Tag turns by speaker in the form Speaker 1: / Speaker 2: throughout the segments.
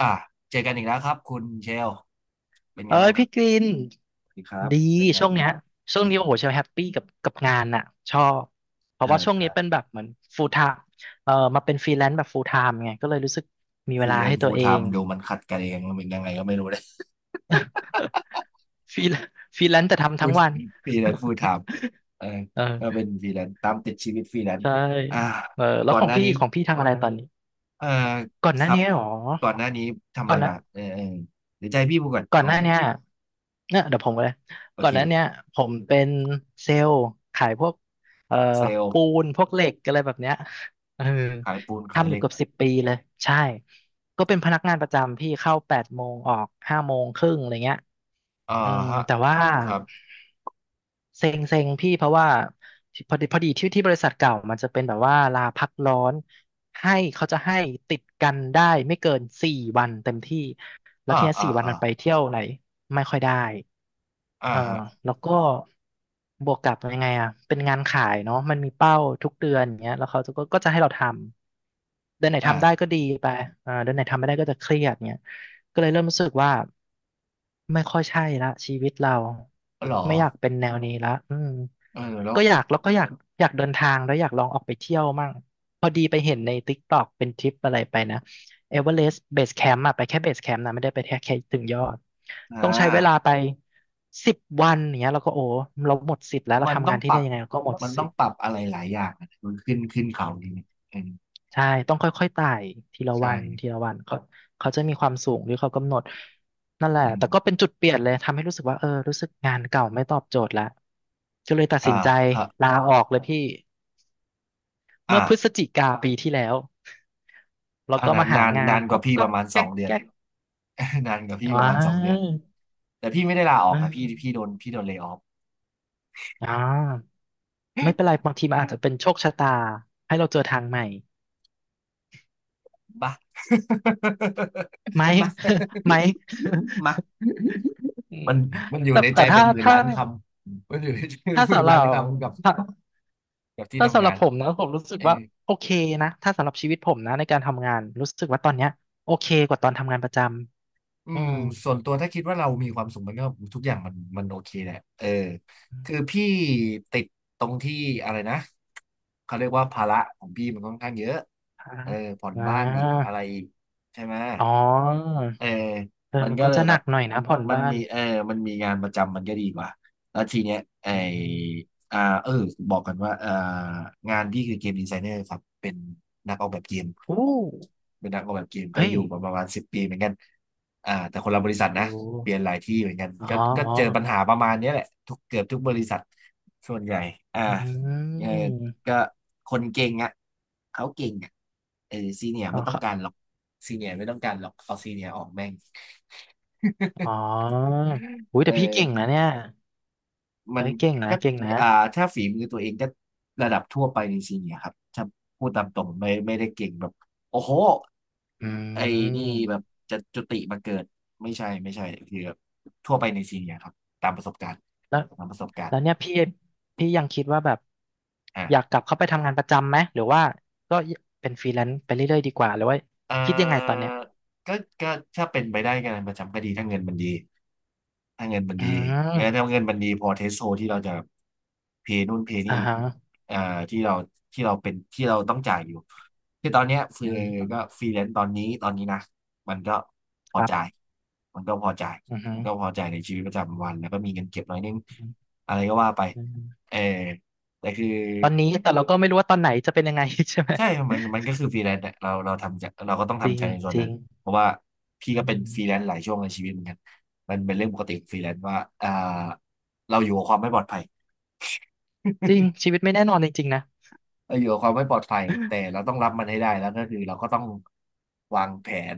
Speaker 1: อ่ะเจอกันอีกแล้วครับคุณเชลเป็นไง
Speaker 2: เอ้
Speaker 1: บ้า
Speaker 2: ย
Speaker 1: งครับ
Speaker 2: พี่กลิน
Speaker 1: สวัสดีครับ
Speaker 2: ดี
Speaker 1: เป็นไง
Speaker 2: ช่วง
Speaker 1: ครั
Speaker 2: เนี้ย
Speaker 1: บ
Speaker 2: ช่วงนี้โอ้โหเชลแฮปปี้กับงานน่ะชอบเพราะ
Speaker 1: เอ่า
Speaker 2: ว่าช่วงนี้
Speaker 1: อ่า
Speaker 2: เป็นแบบเหมือน full time มาเป็นฟรีแลนซ์แบบ full time ไงก็เลยรู้สึกมี
Speaker 1: ฟ
Speaker 2: เว
Speaker 1: รี
Speaker 2: ลา
Speaker 1: แลน
Speaker 2: ให้
Speaker 1: ซ์
Speaker 2: ตั
Speaker 1: ฟู
Speaker 2: ว
Speaker 1: ล
Speaker 2: เอ
Speaker 1: ไท
Speaker 2: ง
Speaker 1: ม์ดูมันขัดกันเองมันเป็นยังไงก็ไม่รู้เลย
Speaker 2: ฟรีฟรีแลนซ์แต่ ทำ
Speaker 1: พู
Speaker 2: ทั้ง
Speaker 1: ด
Speaker 2: วัน
Speaker 1: ฟรีแลนซ์ฟูลไทม์เออ ก็
Speaker 2: เออ
Speaker 1: เป็นฟรีแลนซ์ตามติดชีวิตฟรีแลนซ์
Speaker 2: ใช่
Speaker 1: อ่า
Speaker 2: เออแล้ว
Speaker 1: ก่อ
Speaker 2: ข
Speaker 1: น
Speaker 2: อ
Speaker 1: ห
Speaker 2: ง
Speaker 1: น้า
Speaker 2: พี่
Speaker 1: นี้
Speaker 2: ของพี่ทำอะไรตอนนี้
Speaker 1: เออ
Speaker 2: ก่อนห
Speaker 1: ค
Speaker 2: น้า
Speaker 1: รับ
Speaker 2: นี้หรอ
Speaker 1: ก่อนหน้านี้ทำอะ
Speaker 2: ก่อ
Speaker 1: ไร
Speaker 2: นหนะ
Speaker 1: มาเออเออเดี๋ยวใจพี่พูดก่อน
Speaker 2: ก่อ
Speaker 1: เอา
Speaker 2: นห
Speaker 1: ไง
Speaker 2: น้าเนี้ยเนี่ยเดี๋ยวผมก็เลย
Speaker 1: โอ
Speaker 2: ก่อนหน้าเนี้ย
Speaker 1: เค
Speaker 2: ผมเป็นเซลล์ขายพวกเอ่อ
Speaker 1: เซลล์
Speaker 2: ปูนพวกเหล็กอะไรแบบเนี้ยเออ
Speaker 1: ขายปูนขาย
Speaker 2: ทำอ
Speaker 1: เห
Speaker 2: ยู่
Speaker 1: ล็ก
Speaker 2: เกือบ10 ปีเลย ใช่ ก็เป็นพนักงานประจำพี่เข้า8 โมงออก5 โมงครึ่งอะไรเงี้ย
Speaker 1: อ่า
Speaker 2: อืม
Speaker 1: ฮะ
Speaker 2: แต่ว่า
Speaker 1: ครับ
Speaker 2: เซ็งเซ็งพี่เพราะว่าพอดีที่บริษัทเก่ามันจะเป็นแบบว่าลาพักร้อนให้เขาจะให้ติดกันได้ไม่เกินสี่วันเต็มที่แล้ว
Speaker 1: อ่า
Speaker 2: ทีเนี้
Speaker 1: อ่า
Speaker 2: สี่วัน
Speaker 1: อ่า
Speaker 2: มันไปเที่ยวไหนไม่ค่อยได้
Speaker 1: อ่า
Speaker 2: เออ
Speaker 1: ฮะ
Speaker 2: แล้วก็บวกกับยังไงอ่ะเป็นงานขายเนาะมันมีเป้าทุกเดือนอย่างเงี้ยแล้วเขาก็จะให้เราทำเดือนไหน
Speaker 1: อ่า
Speaker 2: ทำได้ก็ดีไปอ่าเดือนไหนทำไม่ได้ก็จะเครียดเงี้ย ก็เลยเริ่มรู้สึกว่าไม่ค่อยใช่ละชีวิตเรา
Speaker 1: อ๋อเหรอ
Speaker 2: ไม่อยากเป็นแนวนี้ละอืม
Speaker 1: เออแล้ว
Speaker 2: ก็อยากแล้วก็อยากอยากเดินทางแล้วอยากลองออกไปเที่ยวมั่งพอดีไปเห็นใน TikTok เป็นทริปอะไรไปนะเอเวอเรสต์เบสแคมป์อะไปแค่เบสแคมป์นะไม่ได้ไปแค่ถึงยอด
Speaker 1: อ่า
Speaker 2: ต้องใช้เวลาไป10 วันอย่างเนี้ยเราก็โอ้เราหมดสิทธิ์แล้วเรา
Speaker 1: มัน
Speaker 2: ทำ
Speaker 1: ต้อ
Speaker 2: งา
Speaker 1: ง
Speaker 2: นที่
Speaker 1: ปรั
Speaker 2: เนี่
Speaker 1: บ
Speaker 2: ยยังไงเราก็หมด
Speaker 1: มัน
Speaker 2: สิ
Speaker 1: ต้อ
Speaker 2: ท
Speaker 1: ง
Speaker 2: ธิ์
Speaker 1: ปรับอะไรหลายอย่างนะมันขึ้นขึ้นเขานี่เออ
Speaker 2: ใช่ต้องค่อยๆไต่ทีละ
Speaker 1: ใช
Speaker 2: วันที
Speaker 1: ่
Speaker 2: ละวันเขาเขาจะมีความสูงที่เขากำหนดนั่นแหละ
Speaker 1: อื
Speaker 2: แต่ก็เป็
Speaker 1: ม
Speaker 2: นจุดเปลี่ยนเลยทำให้รู้สึกว่าเออรู้สึกงานเก่าไม่ตอบโจทย์ละก็เลยตัด
Speaker 1: อ่า
Speaker 2: สินใจ
Speaker 1: ฮะ
Speaker 2: ลาออกเลยพี่
Speaker 1: อ่า
Speaker 2: เมื่อพฤศจิกาปีที่แล้วแล้ว
Speaker 1: อน
Speaker 2: ก็
Speaker 1: นา
Speaker 2: มา
Speaker 1: น
Speaker 2: หา
Speaker 1: นาน
Speaker 2: งา
Speaker 1: นา
Speaker 2: น
Speaker 1: นก
Speaker 2: ก็
Speaker 1: ว่าพี่
Speaker 2: ก็
Speaker 1: ประมาณส
Speaker 2: แก๊
Speaker 1: อง
Speaker 2: ก
Speaker 1: เดือน
Speaker 2: แก๊ก
Speaker 1: นานกว่าพี่
Speaker 2: อ๋
Speaker 1: ประมาณสองเดือน
Speaker 2: อ
Speaker 1: แต่พี่ไม่ได้ลาออก
Speaker 2: เอ่
Speaker 1: นะพี่พี่โดนพี่โดนเลย์ออฟ
Speaker 2: ออไม่เป็นไรบางทีมันอาจจะเป็นโชคชะตาให้เราเจอทางใหม่
Speaker 1: บ้า
Speaker 2: ไหม
Speaker 1: มา
Speaker 2: ไหม
Speaker 1: มา
Speaker 2: อืม
Speaker 1: มันมันอ ยู่
Speaker 2: แต่
Speaker 1: ใน
Speaker 2: แต่
Speaker 1: ใจเป็
Speaker 2: ถ้า
Speaker 1: นหมื่น
Speaker 2: ถ้า
Speaker 1: ล้านคำมันอยู่ในใจเป็น
Speaker 2: ถ้า
Speaker 1: หมื่น
Speaker 2: สำหรั
Speaker 1: ล้าน
Speaker 2: บ
Speaker 1: คำกับ
Speaker 2: ถ้า
Speaker 1: กับที่
Speaker 2: ถ้า
Speaker 1: ทำ
Speaker 2: สำห
Speaker 1: งา
Speaker 2: รับ
Speaker 1: น
Speaker 2: ผ
Speaker 1: อ่ะ
Speaker 2: มนะผมรู้สึก
Speaker 1: เอ
Speaker 2: ว่า
Speaker 1: อ
Speaker 2: โอเคนะถ้าสำหรับชีวิตผมนะในการทำงานรู้สึกว่าตอนเนี้ยโอเคกว่าตอนทำงานประจ
Speaker 1: อื
Speaker 2: ำอื
Speaker 1: ม
Speaker 2: ม
Speaker 1: ส่วนตัวถ้าคิดว่าเรามีความสุขมันก็ทุกอย่างมันมันโอเคแหละเออคือพี่ติดตรงที่อะไรนะเขาเรียกว่าภาระของพี่มันค่อนข้างเยอะ
Speaker 2: อ่า
Speaker 1: เออผ่อน
Speaker 2: อ่
Speaker 1: บ้านอีกอะ
Speaker 2: า
Speaker 1: ไรอีกใช่ไหม
Speaker 2: อ๋อ
Speaker 1: เออ
Speaker 2: เออ
Speaker 1: มัน
Speaker 2: มัน
Speaker 1: ก็
Speaker 2: ก็
Speaker 1: เลย
Speaker 2: จะห
Speaker 1: แบ
Speaker 2: นั
Speaker 1: บ
Speaker 2: กหน่อยนะผ่อน
Speaker 1: มัน
Speaker 2: บ้าน
Speaker 1: มีเออมันมีงานประจำมันก็ดีกว่าแล้วทีเนี้ยไอ
Speaker 2: อืม
Speaker 1: อ่าเออบอกกันว่าอ่างานพี่คือเกมดีไซเนอร์ครับเป็นนักออกแบบเกม
Speaker 2: อู้
Speaker 1: เป็นนักออกแบบเกมก็
Speaker 2: เฮ้
Speaker 1: อ
Speaker 2: ย
Speaker 1: ยู่มาประมาณสิบปีเหมือนกันอ่าแต่คนละบริษัทนะ
Speaker 2: โอ้
Speaker 1: เปลี่ยนหลายที่เหมือนกัน
Speaker 2: อ๋อ
Speaker 1: ก็ก็
Speaker 2: อ๋อ
Speaker 1: เจอปัญหาประมาณเนี้ยแหละทุกเกือบทุกบริษัทส่วนใหญ่อ่า
Speaker 2: อื
Speaker 1: เออ
Speaker 2: ม
Speaker 1: ก็คนเก่งอ่ะเขาเก่งอ่ะเออซีเนีย
Speaker 2: อ๋อ
Speaker 1: ไม่ต้อ
Speaker 2: ค
Speaker 1: ง
Speaker 2: รั
Speaker 1: การห
Speaker 2: บ
Speaker 1: รอกซีเนียไม่ต้องการหรอกเอาซีเนียออกแม่ง
Speaker 2: อ๋ออุ้ย
Speaker 1: เอ
Speaker 2: แต่พี่เก่ง
Speaker 1: อ
Speaker 2: นะเนี่ย
Speaker 1: มั
Speaker 2: เฮ้
Speaker 1: น
Speaker 2: ยเก่งนะ
Speaker 1: ก็
Speaker 2: เก่งนะ
Speaker 1: อ่าถ้าฝีมือตัวเองก็ระดับทั่วไปในซีเนียร์ครับถ้าพูดตามตรงไม่ไม่ได้เก่งแบบโอ้โห
Speaker 2: อื
Speaker 1: ไอ้นี่แบบ
Speaker 2: ม
Speaker 1: จะจุติมาเกิดไม่ใช่ไม่ใช่คือแบบทั่วไปในซีเนียร์ครับตามประสบการณ์
Speaker 2: แล้ว
Speaker 1: ตามประสบการ
Speaker 2: แล้
Speaker 1: ณ์
Speaker 2: วเนี่ยพี่ยังคิดว่าแบบ
Speaker 1: อ่ะ
Speaker 2: อยากกลับเข้าไปทำงานประจำไหมหรือว่าก็เป็นฟรีแลนซ์ไปเรื่อยๆดีกว่าหรือว่า
Speaker 1: เอ่
Speaker 2: คิดยังไงตอน
Speaker 1: อ
Speaker 2: เนี้ย
Speaker 1: ก็ก็ถ้าเป็นไปได้งานประจำก็ดีถ้าเงินมันดีถ้าเงินมัน
Speaker 2: อื
Speaker 1: ดีงั้นยถ้า
Speaker 2: ม
Speaker 1: เงินมันดีพอเทสโซที่เราจะเพย์นู่นเพย์นี่
Speaker 2: อ่าฮะ
Speaker 1: เอ่อที่เราที่เราเป็นที่เราต้องจ่ายอยู่ ที่ตอนเนี้ยฟรี
Speaker 2: อื
Speaker 1: ก็
Speaker 2: ม
Speaker 1: ฟรีแลนซ์ตอนนี้ตอนนี้นะมันก็พ
Speaker 2: ค
Speaker 1: อ
Speaker 2: รั
Speaker 1: จ่าย
Speaker 2: บ
Speaker 1: มันก็พอจ่าย
Speaker 2: อือฮึ
Speaker 1: มันก็พอจ่ายในชีวิตประจำวันแล้วก็มีเงินเก็บหน่อยนึง
Speaker 2: อืม
Speaker 1: อะไรก็ว่าไป
Speaker 2: อืม
Speaker 1: เออแต่คือ
Speaker 2: ตอนนี้แต่เราก็ไม่รู้ว่าตอนไหนจะเป็นยังไง ใช่ไหม
Speaker 1: ใช่มันมันก็คือฟรีแลนซ์อะเราเราทำใจเราก็ต้อง
Speaker 2: จริ
Speaker 1: ทำใจ
Speaker 2: ง
Speaker 1: ในส่วน
Speaker 2: จริ
Speaker 1: นั้
Speaker 2: ง
Speaker 1: นเพราะว่าพี่
Speaker 2: อื
Speaker 1: ก็เป็น
Speaker 2: ม
Speaker 1: ฟรีแลนซ์หลายช่วงในชีวิตเหมือนกันมันเป็นเรื่องปกติของฟรีแลนซ์ว่าอ่าเราอยู่กับความไม่ปลอดภัย
Speaker 2: จริงชีวิตไม่แน่นอนจริงๆนะ
Speaker 1: เราอยู่กับความไม่ปลอดภัยแต่เราต้องรับมันให้ได้แล้วก็คือเราก็ต้องวางแผน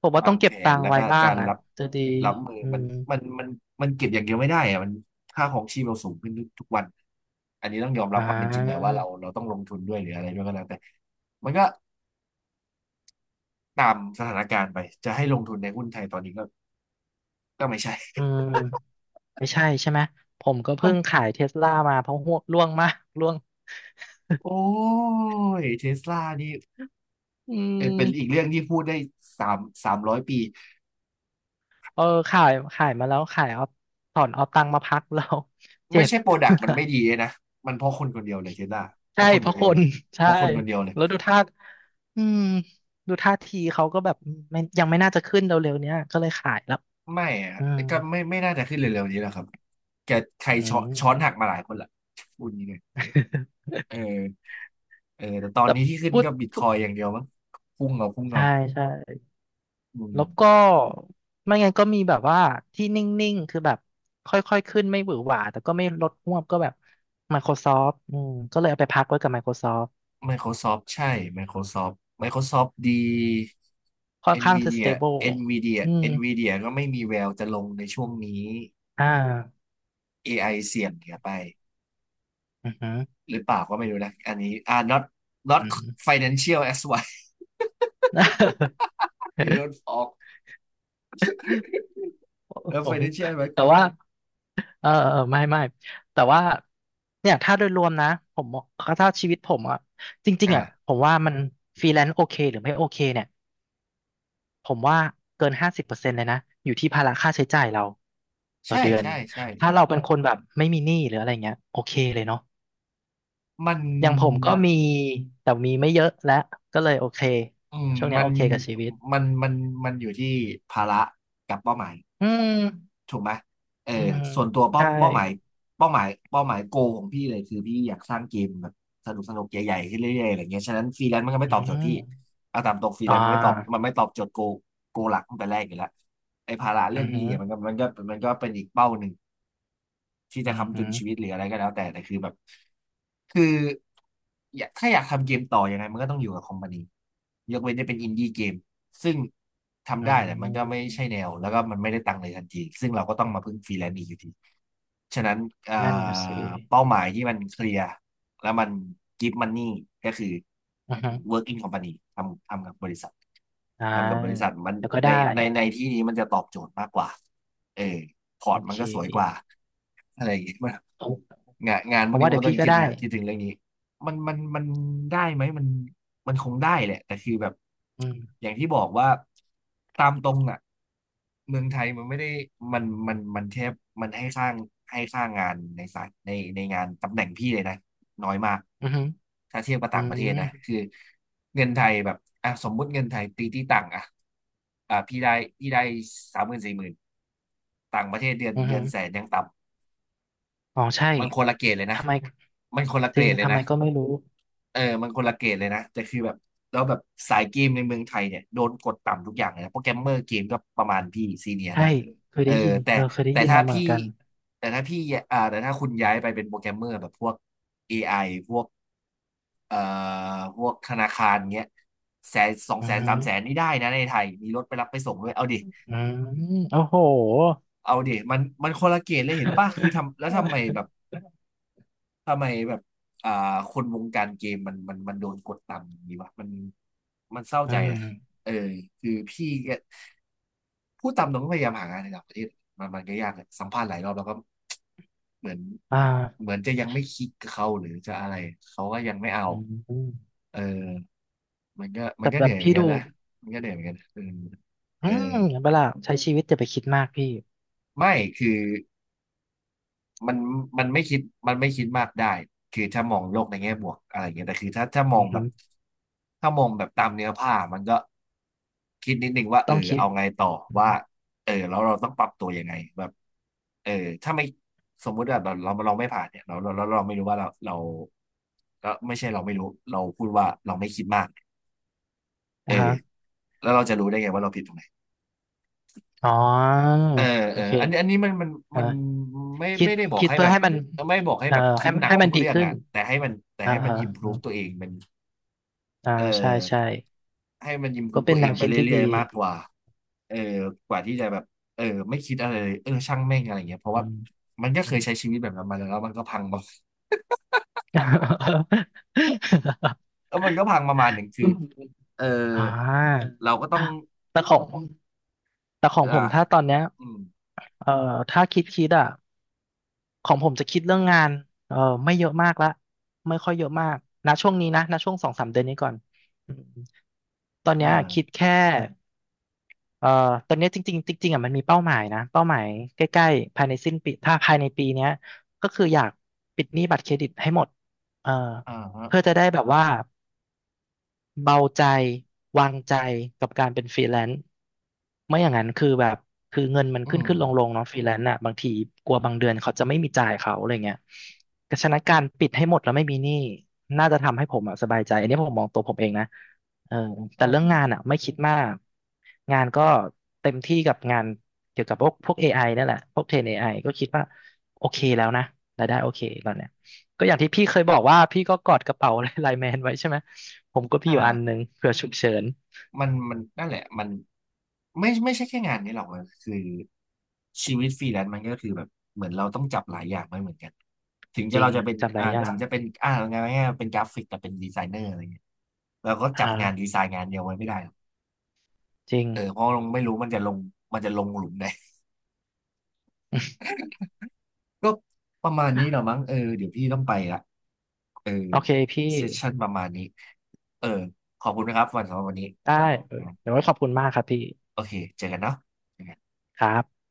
Speaker 2: ผมว่า
Speaker 1: วา
Speaker 2: ต้อ
Speaker 1: ง
Speaker 2: งเก็
Speaker 1: แผ
Speaker 2: บตั
Speaker 1: น
Speaker 2: งค์
Speaker 1: แล้ว
Speaker 2: ไว้
Speaker 1: ก็
Speaker 2: บ้า
Speaker 1: กา
Speaker 2: ง
Speaker 1: ร
Speaker 2: อ่ะ
Speaker 1: รับ
Speaker 2: จะดี
Speaker 1: รับมือ
Speaker 2: อื
Speaker 1: มัน
Speaker 2: ม
Speaker 1: มันมันมันเก็บอย่างเดียวไม่ได้อะมันค่าของชีพเราสูงขึ้นทุกทุกวันอันนี้ต้องยอมรั
Speaker 2: อ่
Speaker 1: บความเป็นจริงหน่อยว่า
Speaker 2: า
Speaker 1: เราเราต้องลงทุนด้วยหรืออะไรด้วยก็แล้วแต่มันก็ ตามสถานการณ์ไปจะให้ลงทุนในหุ้นไทยตอนนี้ก็ก็ไม่ใช่
Speaker 2: อืมไม่ใช่ใช่ไหมผมก็
Speaker 1: มั
Speaker 2: เพิ่
Speaker 1: น
Speaker 2: งขายเทสลามาเพราะห่วงร่วงมากร่วง
Speaker 1: โอ้ยเทสลานี่
Speaker 2: อื
Speaker 1: เป็นอีก
Speaker 2: ม
Speaker 1: เรื่องที่พูดได้สามสามร้อยปี
Speaker 2: เออขายขายมาแล้วขายเอาถอนเอาตังค์มาพักแล้ว เจ็
Speaker 1: ไม่
Speaker 2: บ
Speaker 1: ใช่โปรดักต์มันไม่ดีเล ยนะมันเพราะคนคนเดียวเลยเทสลาเพ
Speaker 2: ใช่
Speaker 1: ราะคน
Speaker 2: เพ
Speaker 1: คน
Speaker 2: ราะ
Speaker 1: เดี
Speaker 2: ค
Speaker 1: ยวเล
Speaker 2: น
Speaker 1: ยเพ
Speaker 2: ใช่
Speaker 1: ราะคนคนเดียวเลย
Speaker 2: แล้วดูท่าอืมดูท่าทีเขาก็แบบไม่ยังไม่น่าจะขึ้นเร็วๆเนี้ยก็เลยขายแล้ว
Speaker 1: ไม่อะ
Speaker 2: อืม
Speaker 1: ก็ไม่ไม่น่าจะขึ้นเร็วๆนี้แล้วครับแกใคร
Speaker 2: อื
Speaker 1: ช้อน
Speaker 2: ม
Speaker 1: ช้อนหักมาหลายคนละพูดนี้เลย เออเออแต่ตอน
Speaker 2: แต่
Speaker 1: นี้ที่ขึ้น
Speaker 2: พูด
Speaker 1: ก็บิตค
Speaker 2: พูด
Speaker 1: อยอย่างเดียวมั้งพุ่งเอาพุ่ง
Speaker 2: ใช่
Speaker 1: เอา
Speaker 2: ใช่
Speaker 1: อืม
Speaker 2: แล้วก็ไม่งั้นก็มีแบบว่าที่นิ่งๆคือแบบค่อยๆขึ้นไม่หวือหวาแต่ก็ไม่ลดฮวบก็แบบ Microsoft อืมก็เลยเอาไปพักไว้กับ Microsoft
Speaker 1: Microsoft ใช่ Microsoft Microsoft ดี
Speaker 2: ค่อนข้างจะ
Speaker 1: Nvidia
Speaker 2: stable
Speaker 1: Nvidia
Speaker 2: อืม
Speaker 1: Nvidia ก็ไม่มีแววจะลงในช่วงนี้
Speaker 2: อ่า
Speaker 1: AI เสี่ยงเหียไป
Speaker 2: อือหือ
Speaker 1: หรือเปล่าก็ไม่รู้นะอันนี้อ่า not not
Speaker 2: อืม
Speaker 1: financial as why they don't ฟ a l k
Speaker 2: โอ
Speaker 1: แล้ว
Speaker 2: โห
Speaker 1: financial ไหม
Speaker 2: แต่ว่าเออเออไม่แต่ว่าเนี่ยถ้าโดยรวมนะผมมองถ้าชีวิตผมอะจริงๆอะ
Speaker 1: อ่า
Speaker 2: ผมว่ามันฟรีแลนซ์โอเคหรือไม่โอเคเนี่ยผมว่าเกิน50%เลยนะอยู่ที่ภาระค่าใช้จ่ายเราต่อ
Speaker 1: ใช่
Speaker 2: เดือน
Speaker 1: ใช่ใช่
Speaker 2: ถ้าเราเป็นคนแบบไม่มีหนี้หรืออะไรเงี้ยโอเคเลยเนาะ
Speaker 1: มัน
Speaker 2: อย่างผมก็มีแต่มีไม่เยอะและก็เลยโอเค
Speaker 1: อืม
Speaker 2: ช่วงเนี้ย
Speaker 1: มั
Speaker 2: โอ
Speaker 1: น
Speaker 2: เคกับชีวิต
Speaker 1: มันมันมันอยู่ที่ภาระกับเป้าหมาย
Speaker 2: อืม
Speaker 1: ถูกไหมเออ
Speaker 2: อืมฮึ
Speaker 1: ส่วนตัวเป้า
Speaker 2: ใช่
Speaker 1: เป้าหมายเป้าหมายโกของพี่เลยคือพี่อยากสร้างเกมแบบสนุกสนุกใหญ่ๆขึ้นเรื่อยๆอะไรเงี้ยฉะนั้นฟรีแลนซ์มันก็ไม่
Speaker 2: อื
Speaker 1: ตอบโจทย์พี่
Speaker 2: ม
Speaker 1: เอาตามตรงฟรีแล
Speaker 2: อ่
Speaker 1: นซ์มันไม่ตอบ
Speaker 2: า
Speaker 1: มันไม่ตอบโจทย์โกโกหลักตั้งแต่แรกอยู่แล้วไอ้ภาระ
Speaker 2: อื
Speaker 1: เรื่อง
Speaker 2: ม
Speaker 1: นี้
Speaker 2: ฮึ
Speaker 1: เนี่ยมันก็มันก็เป็นอีกเป้าหนึ่ง ที่
Speaker 2: อื
Speaker 1: จะ
Speaker 2: ม
Speaker 1: ค้ำ
Speaker 2: ฮึ
Speaker 1: จุนชีวิตหรืออะไรก็แล้วแต่แต่คือแบบคืออยากถ้าอยากทำเกมต่อยังไงมันก็ต้องอยู่กับคอมพานียกเว้นจะเป็นอินดี้เกมซึ่งทำ
Speaker 2: อื
Speaker 1: ได้แต่มันก็ไม่
Speaker 2: ม
Speaker 1: ใช่แนวแล้วก็มันไม่ได้ตังค์เลยทันทีซึ่งเราก็ต้องมาพึ่งฟรีแลนซ์อีกอยู่ดีฉะนั้นเอ่
Speaker 2: นั่นน่ะสิ
Speaker 1: อเป้าหมายที่มันเคลียร์แล้วมันกิฟต์มันนี่ก็คือ
Speaker 2: อืมฮึ
Speaker 1: work in company ทำกับบริษัท
Speaker 2: อ่า
Speaker 1: ทำกับบริษัทมัน
Speaker 2: เดี๋ยวก็
Speaker 1: ใน
Speaker 2: ได้
Speaker 1: ในที่นี้มันจะตอบโจทย์มากกว่าเออ พอ
Speaker 2: โอ
Speaker 1: ร์ตมัน
Speaker 2: เค
Speaker 1: ก็สวยกว่าอะไรอย่างเงี้ยมัน
Speaker 2: ผม
Speaker 1: งาน
Speaker 2: ผ
Speaker 1: พวก
Speaker 2: มว่า
Speaker 1: นี้มั
Speaker 2: เดี๋
Speaker 1: น
Speaker 2: ยว
Speaker 1: ก็ต้อ
Speaker 2: พี่
Speaker 1: ง
Speaker 2: ก็
Speaker 1: คิด
Speaker 2: ได้
Speaker 1: ถึงเรื่องนี้มันมันได้ไหมมันมันคงได้แหละแต่คือแบบ
Speaker 2: อืม
Speaker 1: อย่างที่บอกว่าตามตรงอ่ะเมืองไทยมันไม่ได้มันมันแทบมันให้สร้างงานในสายในงานตำแหน่งพี่เลยนะ น้อยมาก
Speaker 2: อืมฮึ
Speaker 1: ถ้าเทียบกับ
Speaker 2: อื
Speaker 1: ต่างประเทศ
Speaker 2: ม
Speaker 1: นะคือเงินไทยแบบอ่ะสมมุติเงินไทยตีที่ต่างอ่ะอ่ะพี่ได้สามหมื่นสี่หมื่นต่างประเทศเดือน
Speaker 2: อืมฮึ
Speaker 1: แสนยังต่ำ
Speaker 2: อ๋อใช่
Speaker 1: มันคนละเกรดเลยนะ
Speaker 2: ทำไม
Speaker 1: มันคนละ
Speaker 2: จ
Speaker 1: เกร
Speaker 2: ริง
Speaker 1: ดเลย
Speaker 2: ทำไม
Speaker 1: นะ
Speaker 2: ก็ไม่รู้
Speaker 1: เออมันคนละเกรดเลยนะ แต่คือแบบแล้วแบบสายเกมในเมืองไทยเนี่ยโดนกดต่ำทุกอย่างเลยนะโปรแกรมเมอร์เกมก็ประมาณพี่ซีเนีย
Speaker 2: ใช่
Speaker 1: นะ
Speaker 2: เคย
Speaker 1: เออ
Speaker 2: ได้ยิน
Speaker 1: แต่
Speaker 2: เออเคยได้
Speaker 1: แต่
Speaker 2: ยิน
Speaker 1: ถ้า
Speaker 2: มาเหมือ
Speaker 1: พี่
Speaker 2: นกัน
Speaker 1: แต่ถ้าพี่แต่ถ้าคุณย้ายไปเป็นโปรแกรมเมอร์แบบพวก AI พวก เอ่อพวกธนาคารเงี้ยแสนสอง
Speaker 2: อื
Speaker 1: แส
Speaker 2: ม
Speaker 1: น
Speaker 2: ฮึ
Speaker 1: สามแสนนี่ได้นะในไทยมีรถไปรับไปส่งด้วยเอาดิ
Speaker 2: อืมโอ้โห
Speaker 1: เอาดิมันคนละเกณฑ์เลยเห็นป่ะคือทำแล้วทำไมแบบทำไมแบบอ่าคนวงการเกมมันมันโดนกดต่ำอย่างนี้วะมันมันเศร้า
Speaker 2: อื
Speaker 1: ใจ
Speaker 2: ม
Speaker 1: นะเออคือพี่ก็พูดตามตรงก็พยายามหางานในต่างประเทศมันก็ยากเลยสัมภาษณ์หลายรอบแล้วก็เหมือน
Speaker 2: อ่า
Speaker 1: จะยังไม่คลิกกับเขาหรือจะอะไรเขาก็ยังไม่เอา
Speaker 2: อืม
Speaker 1: เออ มันก็
Speaker 2: แต่แบ
Speaker 1: เหนื่
Speaker 2: บ
Speaker 1: อยเหมือ
Speaker 2: พี่
Speaker 1: นกัน
Speaker 2: ดู
Speaker 1: นะมันก็เหนื่อยเหมือนกันเออ
Speaker 2: อื
Speaker 1: เออ
Speaker 2: มเห็นปะล่ะใช้ชีวิตจะไปคิดมากพี่
Speaker 1: ไม่คือมันมันไม่คิดมันไม่คิดมากได้คือถ้ามองโลกในแง่บวกอะไรอย่างเงี้ยแต่คือถ้ามอ
Speaker 2: อื
Speaker 1: ง
Speaker 2: อ
Speaker 1: แบ
Speaker 2: ฮึ
Speaker 1: บตามเนื้อผ้ามันก็คิดนิดนึงว่าเอ
Speaker 2: ต้อ
Speaker 1: อ
Speaker 2: งคิด
Speaker 1: เอาไงต่อ
Speaker 2: อื
Speaker 1: ว่า
Speaker 2: ม
Speaker 1: เออแล้วเราต้องปรับตัวยังไงแบบเออถ้าไม่สมมุติว่าเราไม่ผ่านเนี่ยเราไม่รู้ว่าเราเราไม่ใช่เราไม่รู้เราพูดว่าเราไม่คิดมากเออ
Speaker 2: อ่าฮะ
Speaker 1: แล้วเราจะรู้ได้ไงว่าเราผิดตรงไหน
Speaker 2: อ๋อ
Speaker 1: เออ
Speaker 2: โอ
Speaker 1: เออ
Speaker 2: เค
Speaker 1: อันนี้มัน
Speaker 2: อ่า
Speaker 1: มันไม่
Speaker 2: คิด
Speaker 1: ได้บอก
Speaker 2: คิด
Speaker 1: ให้
Speaker 2: เพื่
Speaker 1: แบ
Speaker 2: อ
Speaker 1: บ
Speaker 2: ให้มัน
Speaker 1: ไม่บอกให้
Speaker 2: เอ่อ
Speaker 1: แบบคิ
Speaker 2: ให้
Speaker 1: ดหนัก
Speaker 2: ให้มั
Speaker 1: ทุ
Speaker 2: น
Speaker 1: ก
Speaker 2: ดี
Speaker 1: เรื่อง
Speaker 2: ขึ้น
Speaker 1: อ่ะแต่
Speaker 2: อ่า
Speaker 1: ให้มัน
Speaker 2: ฮะ
Speaker 1: อิ p พ
Speaker 2: อ
Speaker 1: o v
Speaker 2: ม
Speaker 1: e ตัวเองมัน
Speaker 2: อ่า
Speaker 1: เออ
Speaker 2: ใช่ใช่
Speaker 1: ให้มันอิ p พ o
Speaker 2: ก็
Speaker 1: v e
Speaker 2: เป็
Speaker 1: ตั
Speaker 2: น
Speaker 1: วเอ
Speaker 2: แน
Speaker 1: ง
Speaker 2: ว
Speaker 1: ไป
Speaker 2: คิดที่
Speaker 1: เรื่
Speaker 2: ดี
Speaker 1: อยๆมากกว่าเออกว่าที่จะแบบเออไม่คิดอะไรเลยเออช่างแม่งอะไรเงี้ยเพราะ
Speaker 2: อื
Speaker 1: ว่า
Speaker 2: ม
Speaker 1: มันก็
Speaker 2: อื
Speaker 1: เคย
Speaker 2: ม
Speaker 1: ใช้ชีวิตแบบนั้นมาแล้วแล้วมันก็พังมา แล้วมันก็พังประมาณหนึ่งคือเออ
Speaker 2: อ่า
Speaker 1: เราก็ต้อง
Speaker 2: แต่ของแต่ของผ
Speaker 1: อ่า
Speaker 2: มถ้าตอนเนี้ย
Speaker 1: อืม
Speaker 2: เอ่อถ้าคิดอ่ะ ของผมจะคิดเรื่องงานเออไม่เยอะมากละไม่ค่อยเยอะมากนะช่วงนี้นะนะช่วงสองสามเดือนนี้ก่อนอืมตอน
Speaker 1: อ
Speaker 2: เนี้ยคิด
Speaker 1: ่า
Speaker 2: แค่เออตอนเนี้ยจริงๆจริงๆอ่ะมันมีเป้าหมายนะเป้าหมายใกล้ๆภายในสิ้นปีถ้าภายในปีเนี้ยก็คืออยากปิดหนี้บัตรเครดิตให้หมดเออ
Speaker 1: อ่าฮะ
Speaker 2: เพื่อจะได้แบบว่า เบาใจวางใจกับการเป็นฟรีแลนซ์ไม่อย่างนั้นคือแบบคือเงินมัน
Speaker 1: อื
Speaker 2: ขึ้น
Speaker 1: ม
Speaker 2: ขึ้นลงลงเนาะฟรีแลนซ์อ่ะบางทีกลัวบางเดือนเขาจะไม่มีจ่ายเขาอะไรเงี้ยก็ฉะนั้นการปิดให้หมดแล้วไม่มีหนี้น่าจะทำให้ผมอะสบายใจอันนี้ผมมองตัวผมเองนะเออแต่เรื่องงานอ่ะไม่คิดมากงานก็เต็มที่กับงานเกี่ยวกับพวก AI นั่นแหละพวกเทรน AI ก็คิดว่าโอเคแล้วนะรายได้โอเคตอนเนี้ยก็อย่างที่พี่เคยบอกว่าพี่ก็กอดกระเป๋า ไลน์แมนไว้ใช่ไหม ผมก็พี่อยู่อันห
Speaker 1: อ่า
Speaker 2: นึ่งเผื่อฉุกเฉิน
Speaker 1: มันนั่นแหละมันไม่ใช่แค่งานนี้หรอกมันคือชีวิตฟรีแลนซ์มันก็คือแบบเหมือนเราต้องจับหลายอย่างไม่เหมือนกันถึง
Speaker 2: จ
Speaker 1: จะ
Speaker 2: ริง
Speaker 1: เราจะเป็น
Speaker 2: จำได้
Speaker 1: อ่า
Speaker 2: รยั
Speaker 1: ถึงจะเป็น
Speaker 2: ง่
Speaker 1: อ่าไงายๆเป็นกราฟิกแต่เป็นดีไซเนอร์อะไรเงี้ยเราก็จับ
Speaker 2: ฮะ
Speaker 1: งานดีไซน์งานเดียวไว้ไม่ได้หรอก
Speaker 2: จริง
Speaker 1: เออเพราะเราไม่รู้มันจะลงหลุมไหน ก็ประมาณนี้เหรอ มั้งเออเดี๋ยวพี่ต้องไปละเออ
Speaker 2: โอเคพี่
Speaker 1: เซสชั่นประมาณนี้เออขอบคุณนะครับสำหรับวันนี้
Speaker 2: ได้เออ
Speaker 1: อ่า
Speaker 2: เดี๋ยวไว้ขอบคุณมากครับพี่
Speaker 1: โอเคเจอกันเนาะ
Speaker 2: ครับ